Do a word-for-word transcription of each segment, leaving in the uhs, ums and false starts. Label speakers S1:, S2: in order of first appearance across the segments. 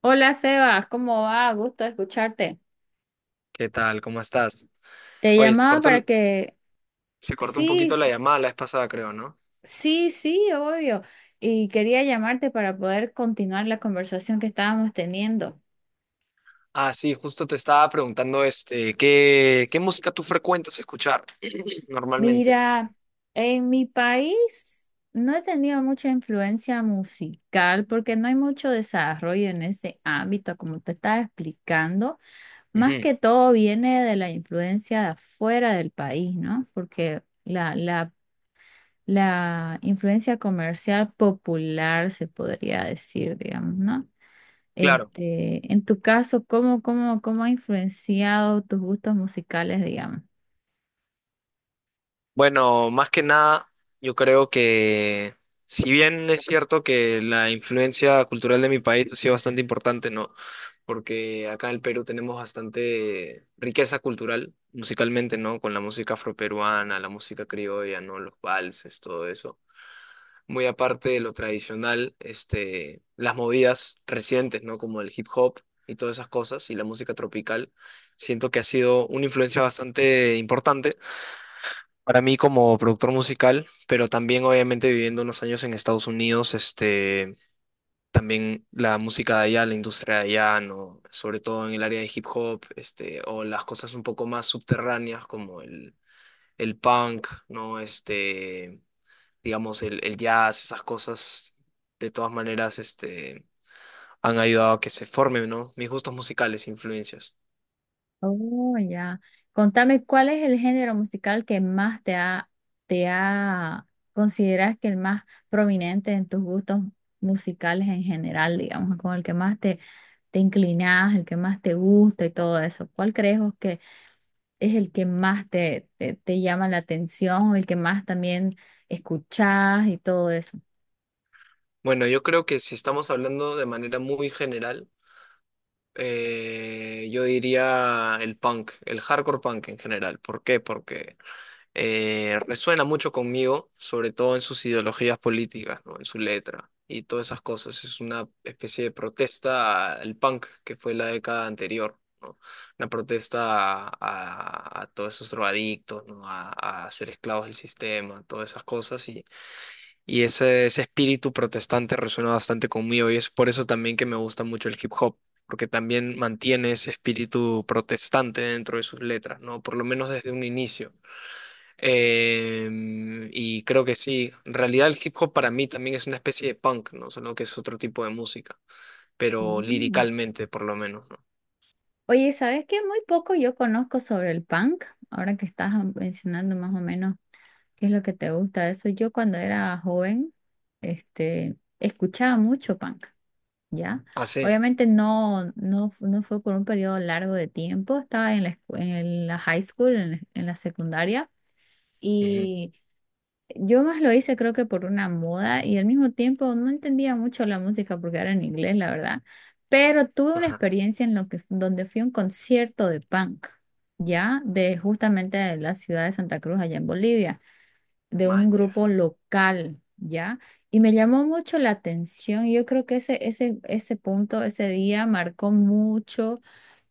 S1: Hola Sebas, ¿cómo va? Gusto escucharte.
S2: ¿Qué tal? ¿Cómo estás?
S1: Te
S2: Oye, se
S1: llamaba
S2: cortó,
S1: para
S2: el-
S1: que,
S2: se cortó un
S1: sí,
S2: poquito la llamada la vez pasada, creo, ¿no?
S1: sí, sí, obvio. Y quería llamarte para poder continuar la conversación que estábamos teniendo.
S2: Ah, sí, justo te estaba preguntando, este, ¿qué, qué música tú frecuentas escuchar normalmente?
S1: Mira, en mi país no he tenido mucha influencia musical porque no hay mucho desarrollo en ese ámbito, como te estaba explicando. Más
S2: Ujú,
S1: que todo viene de la influencia de afuera del país, ¿no? Porque la, la la influencia comercial popular, se podría decir, digamos, ¿no?
S2: claro.
S1: Este, en tu caso, ¿cómo, cómo, cómo ha influenciado tus gustos musicales, digamos?
S2: Bueno, más que nada, yo creo que, si bien es cierto que la influencia cultural de mi país ha sido bastante importante, ¿no? Porque acá en el Perú tenemos bastante riqueza cultural, musicalmente, ¿no? Con la música afroperuana, la música criolla, ¿no? Los valses, todo eso. Muy aparte de lo tradicional, este, las movidas recientes, ¿no? Como el hip hop y todas esas cosas y la música tropical, siento que ha sido una influencia bastante importante para mí como productor musical, pero también obviamente viviendo unos años en Estados Unidos, este, también la música de allá, la industria de allá, ¿no? Sobre todo en el área de hip hop, este, o las cosas un poco más subterráneas como el, el punk, ¿no? Este digamos, el, el jazz, esas cosas, de todas maneras, este, han ayudado a que se formen, ¿no? Mis gustos musicales, influencias.
S1: Oh, ya. Contame, ¿cuál es el género musical que más te ha, te ha, consideras que el más prominente en tus gustos musicales en general, digamos, con el que más te, te inclinas, el que más te gusta y todo eso? ¿Cuál crees vos es el que más te, te, te llama la atención, el que más también escuchás y todo eso?
S2: Bueno, yo creo que si estamos hablando de manera muy general, eh, yo diría el punk, el hardcore punk en general. ¿Por qué? Porque eh, resuena mucho conmigo, sobre todo en sus ideologías políticas, ¿no? En su letra y todas esas cosas. Es una especie de protesta al punk que fue la década anterior, ¿no? Una protesta a, a- a todos esos drogadictos, ¿no? A, a ser esclavos del sistema, todas esas cosas. Y, y ese, ese espíritu protestante resuena bastante conmigo y es por eso también que me gusta mucho el hip hop. Porque también mantiene ese espíritu protestante dentro de sus letras, ¿no? Por lo menos desde un inicio. Eh, y creo que sí. En realidad el hip hop para mí también es una especie de punk, ¿no? Solo que es otro tipo de música, pero
S1: Mm.
S2: liricalmente por lo menos, ¿no?
S1: Oye, ¿sabes qué? Muy poco yo conozco sobre el punk, ahora que estás ah, mencionando más o menos qué es lo que te gusta de eso. Yo cuando era joven, este, escuchaba mucho punk, ¿ya?
S2: Ah, sí.
S1: Obviamente no, no, fu- no fue por un periodo largo de tiempo, estaba en la, escu- en la high school, en la en la secundaria.
S2: Ujú.
S1: y Yo más lo hice creo que por una moda y al mismo tiempo no entendía mucho la música porque era en inglés, la verdad. Pero tuve una
S2: Ajá.
S1: experiencia en lo que, donde fui a un concierto de punk, ya de justamente de la ciudad de Santa Cruz, allá en Bolivia, de un
S2: Man, ya.
S1: grupo local, ya. Y me llamó mucho la atención. Yo creo que ese, ese, ese punto, ese día marcó mucho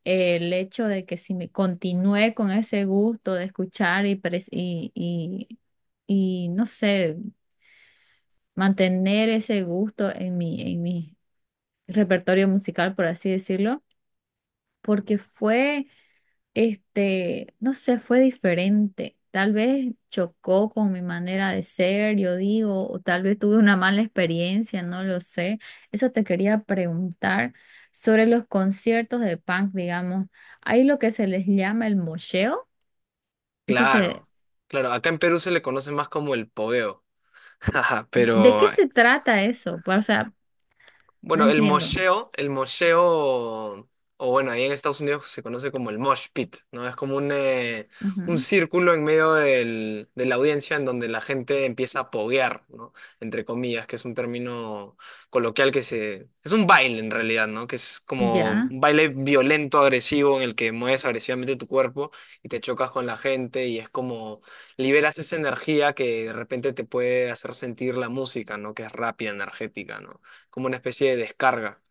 S1: el hecho de que si me continué con ese gusto de escuchar y, pres- y, y, y, no sé, mantener ese gusto en mi, en mi repertorio musical, por así decirlo, porque fue este, no sé, fue diferente. Tal vez chocó con mi manera de ser, yo digo, o tal vez tuve una mala experiencia, no lo sé. Eso te quería preguntar sobre los conciertos de punk, digamos. Hay lo que se les llama el mosheo. Eso se,
S2: Claro, claro. Acá en Perú se le conoce más como el pogueo. Ajá,
S1: ¿De qué
S2: pero
S1: se trata eso? Pa- O sea, no
S2: bueno, el
S1: entiendo.
S2: mosheo, el mosheo, o bueno, ahí en Estados Unidos se conoce como el mosh pit, ¿no? Es como un, eh, un
S1: Ujú.
S2: círculo en medio del- de la audiencia en donde la gente empieza a poguear, ¿no? Entre comillas, que es un término coloquial que se... Es un baile en realidad, ¿no? Que es como
S1: Ya.
S2: un baile violento, agresivo, en el que mueves agresivamente tu cuerpo y te chocas con la gente y es como liberas esa energía que de repente te puede hacer sentir la música, ¿no? Que es rápida, energética, ¿no? Como una especie de descarga.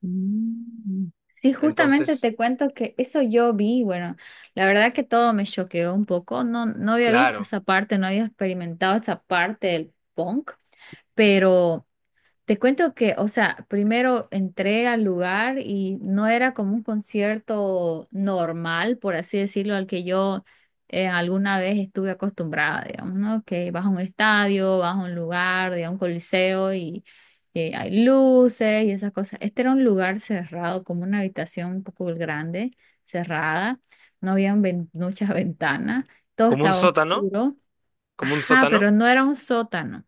S1: Mm. Sí, justamente
S2: Entonces,
S1: te cuento que eso yo vi, bueno, la verdad que todo me choqueó un poco, no, no había visto
S2: claro,
S1: esa parte, no había experimentado esa parte del punk, pero te cuento que, o sea, primero entré al lugar y no era como un concierto normal, por así decirlo, al que yo eh, alguna vez estuve acostumbrada, digamos, ¿no? Que vas a un estadio, vas a un lugar, digamos, un coliseo y eh, hay luces y esas cosas. Este era un lugar cerrado, como una habitación un poco grande, cerrada, no había muchas ventanas, todo
S2: como un
S1: estaba
S2: sótano,
S1: oscuro,
S2: como un
S1: ajá,
S2: sótano.
S1: pero no era un sótano.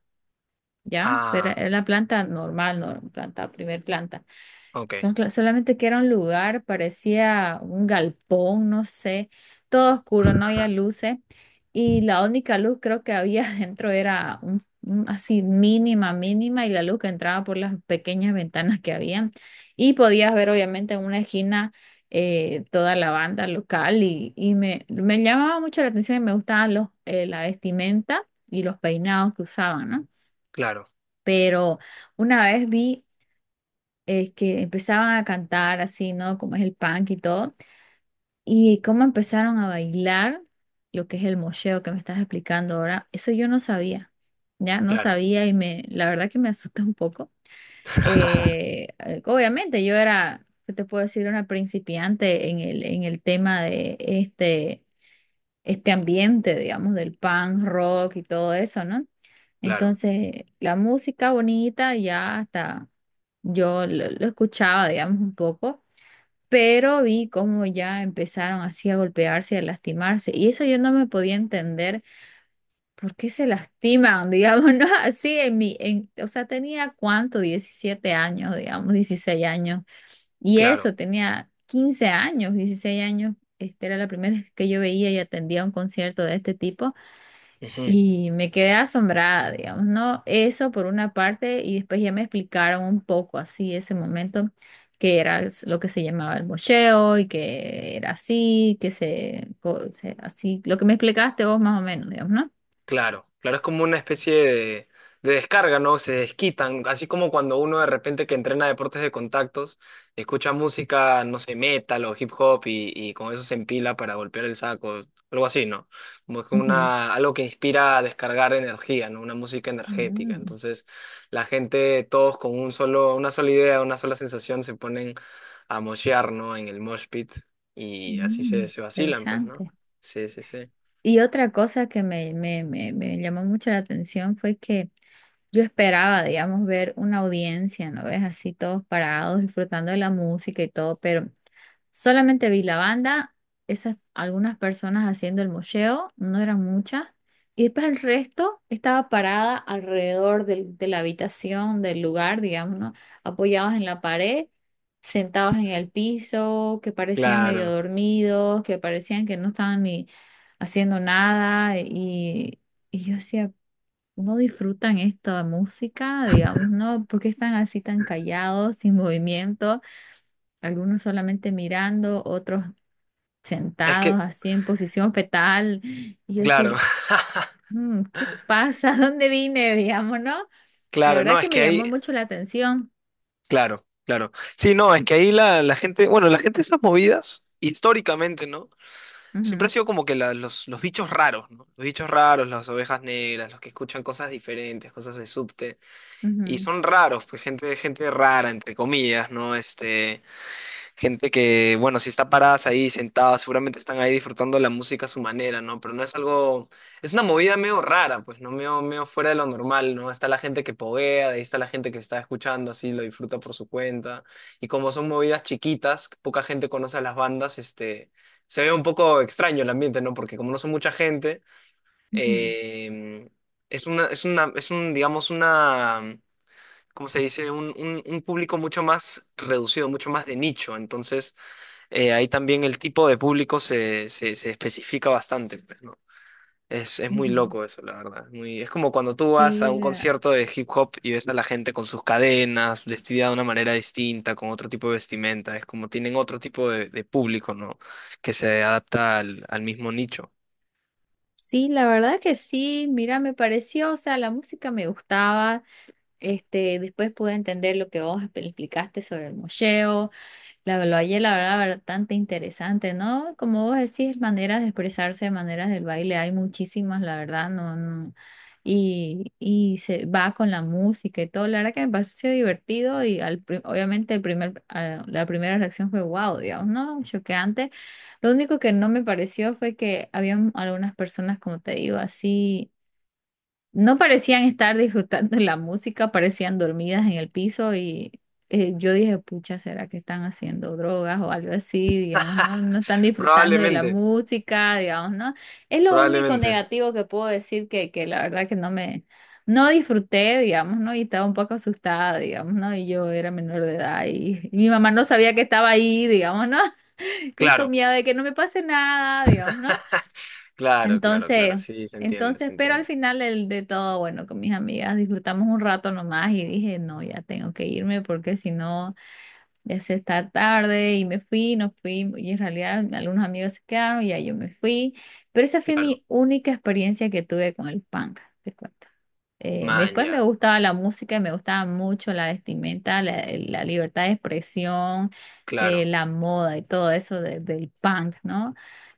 S1: ¿Ya? Pero
S2: Ah,
S1: era una planta normal, no, planta, primer planta.
S2: ok.
S1: Son- solamente que era un lugar, parecía un galpón, no sé, todo oscuro, no había
S2: Ajá,
S1: luces. Y la única luz creo que había dentro era un- un- así mínima, mínima, y la luz que entraba por las pequeñas ventanas que habían. Y podías ver obviamente en una esquina eh, toda la banda local y, y me, me llamaba mucho la atención y me gustaban los, eh, la vestimenta y los peinados que usaban, ¿no?
S2: claro,
S1: Pero una vez vi eh, que empezaban a cantar así, ¿no? Como es el punk y todo, y cómo empezaron a bailar lo que es el mosheo que me estás explicando ahora, eso yo no sabía, ya no
S2: claro.
S1: sabía y me, la verdad que me asusté un poco. Eh, eh, obviamente yo era, ¿qué te puedo decir? Una principiante en el, en el tema de este este ambiente, digamos, del punk rock y todo eso, ¿no?
S2: Claro,
S1: Entonces, la música bonita ya hasta yo lo, lo escuchaba, digamos, un poco, pero vi cómo ya empezaron así a golpearse y a lastimarse. Y eso yo no me podía entender por qué se lastiman, digamos, ¿no? Así en mi, en, o sea, tenía cuánto, diecisiete años, digamos, dieciséis años. Y
S2: claro.
S1: eso, tenía quince años, dieciséis años. Este era la primera vez que yo veía y atendía un concierto de este tipo
S2: Ujú.
S1: y me quedé asombrada, digamos, ¿no? Eso por una parte y después ya me explicaron un poco así ese momento que era es- lo que se llamaba el mocheo y que era así, que se, co- se- así, lo que me explicaste vos más o menos, digamos, no.
S2: Claro, claro, es como una especie de, de descarga, ¿no? Se desquitan, así como cuando uno de repente que entrena deportes de contactos, escucha música, no sé, metal o hip hop y, y con eso se empila para golpear el saco, algo así, ¿no? Como que
S1: Ujú.
S2: una, algo que inspira a descargar energía, ¿no? Una música energética.
S1: Mm,
S2: Entonces, la gente, todos con un solo, una sola idea, una sola sensación, se ponen a moshear, ¿no? En el mosh pit y así se,
S1: mm,
S2: se vacilan, pues, ¿no?
S1: interesante.
S2: Sí, sí, sí.
S1: Y otra cosa que me, me, me, me llamó mucho la atención fue que yo esperaba, digamos, ver una audiencia, ¿no ves? Así todos parados, disfrutando de la música y todo, pero solamente vi la banda, esas algunas personas haciendo el mocheo, no eran muchas, y después el resto estaba parada alrededor del- de la habitación, del lugar, digamos, ¿no? Apoyados en la pared, sentados en el piso, que parecían medio
S2: Claro.
S1: dormidos, que parecían que no estaban ni haciendo nada y, y yo decía, no disfrutan esta música, digamos, ¿no? ¿Por qué están así tan callados, sin movimiento? Algunos solamente mirando, otros
S2: Es
S1: sentados
S2: que
S1: así en posición fetal. Y yo
S2: claro,
S1: así, "Mm, ¿qué pasa? ¿Dónde vine? Digamos, ¿no? La
S2: claro,
S1: verdad
S2: no,
S1: que
S2: es
S1: me
S2: que ahí,
S1: llamó mucho la atención.
S2: claro, claro. Sí, no, es que ahí la, la gente, bueno, la gente de esas movidas, históricamente, ¿no? Siempre ha
S1: Ujú,
S2: sido como que la- los, los bichos raros, ¿no? Los bichos raros, las ovejas negras, los que escuchan cosas diferentes, cosas de subte, y
S1: ujú,
S2: son raros, pues gente, gente rara, entre comillas, ¿no? Este, gente que, bueno, si está paradas ahí, sentadas, seguramente están ahí disfrutando la música a su manera, ¿no? Pero no es algo, es una movida medio rara, pues, ¿no? Medio, medio fuera de lo normal, ¿no? Está la gente que poguea, de ahí está la gente que está escuchando, así, lo disfruta por su cuenta. Y como son movidas chiquitas, poca gente conoce a las bandas, este, se ve un poco extraño el ambiente, ¿no? Porque como no son mucha gente,
S1: ujú,
S2: eh, es una, es una, es un, digamos, una... ¿Cómo se dice? un, un un público mucho más reducido, mucho más de nicho. Entonces, eh, ahí también el tipo de público se, se, se especifica bastante, pues, ¿no? Es, es muy
S1: ujú.
S2: loco eso, la verdad. Es muy, es como cuando tú vas a
S1: Sí,
S2: un
S1: la,
S2: concierto de hip hop y ves a la gente con sus cadenas, vestida de una manera distinta, con otro tipo de vestimenta. Es como tienen otro tipo de, de público, ¿no? Que se adapta al, al mismo nicho.
S1: sí, la verdad que sí, mira, me pareció, o sea, la música me gustaba. Este, después pude entender lo que vos expl- explicaste sobre el mocheo. La valle la verdad, bastante interesante, ¿no? Como vos decís, maneras de expresarse, maneras del baile, hay muchísimas, la verdad, no, no. Y, y se va con la música y todo. La verdad que me pareció divertido y al, pri- obviamente el primer, a- la primera reacción fue wow, digamos, ¿no? Choqueante. Lo único que no me pareció fue que había algunas personas, como te digo, así. No parecían estar disfrutando la música, parecían dormidas en el piso y eh, yo dije, pucha, ¿será que están haciendo drogas o algo así? Digamos, no, no están disfrutando de la
S2: Probablemente,
S1: música, digamos, ¿no? Es lo único
S2: probablemente.
S1: negativo que puedo decir que, que la verdad que no me, no disfruté, digamos, ¿no? Y estaba un poco asustada, digamos, ¿no? Y yo era menor de edad y, y mi mamá no sabía que estaba ahí, digamos, ¿no? Y con
S2: Claro,
S1: miedo de que no me pase nada, digamos, ¿no?
S2: claro, claro,
S1: Entonces,
S2: claro. Sí, se entiende,
S1: entonces,
S2: se
S1: pero al
S2: entiende.
S1: final del- de, todo, bueno, con mis amigas disfrutamos un rato nomás y dije, no, ya tengo que irme porque si no, ya se está tarde y me fui, no fui, y en realidad algunos amigos se quedaron y ya yo me fui, pero esa fue
S2: Claro.
S1: mi única experiencia que tuve con el panga te cuento. Eh, después
S2: Maña.
S1: me gustaba la música y me gustaba mucho la vestimenta, la, la libertad de expresión, eh,
S2: Claro,
S1: la moda y todo eso de- del punk, ¿no?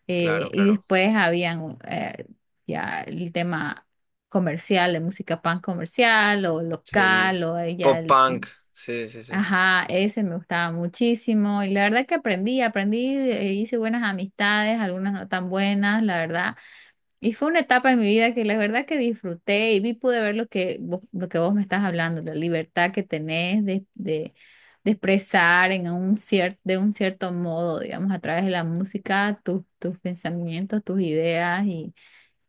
S1: Eh,
S2: claro,
S1: y
S2: claro.
S1: después habían eh, ya el tema comercial, de música punk comercial o
S2: Sí, el
S1: local o eh, ya
S2: pop
S1: el...
S2: punk. Sí, sí, sí.
S1: Ajá, ese me gustaba muchísimo y la verdad que aprendí, aprendí, eh, hice buenas amistades, algunas no tan buenas, la verdad, y fue una etapa en mi vida que la verdad que disfruté y vi, pude ver lo que vos, lo que vos me estás hablando, la libertad que tenés de, de, de expresar en un cierto, de un cierto modo, digamos, a través de la música, tus, tus pensamientos, tus ideas y,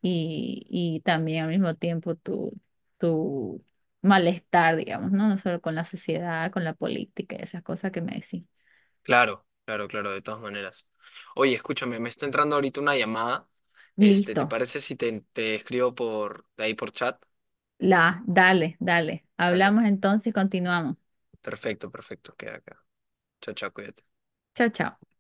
S1: y, y también al mismo tiempo tu, tu malestar, digamos, ¿no? No solo con la sociedad, con la política y esas cosas que me decís.
S2: Claro, claro, claro, de todas maneras. Oye, escúchame, me está entrando ahorita una llamada. Este, ¿te
S1: Listo,
S2: parece si te, te escribo por de ahí por chat?
S1: la, dale, dale.
S2: Dale.
S1: Hablamos entonces, continuamos.
S2: Perfecto, perfecto, queda acá. Chao, chao, cuídate.
S1: Chao, chao.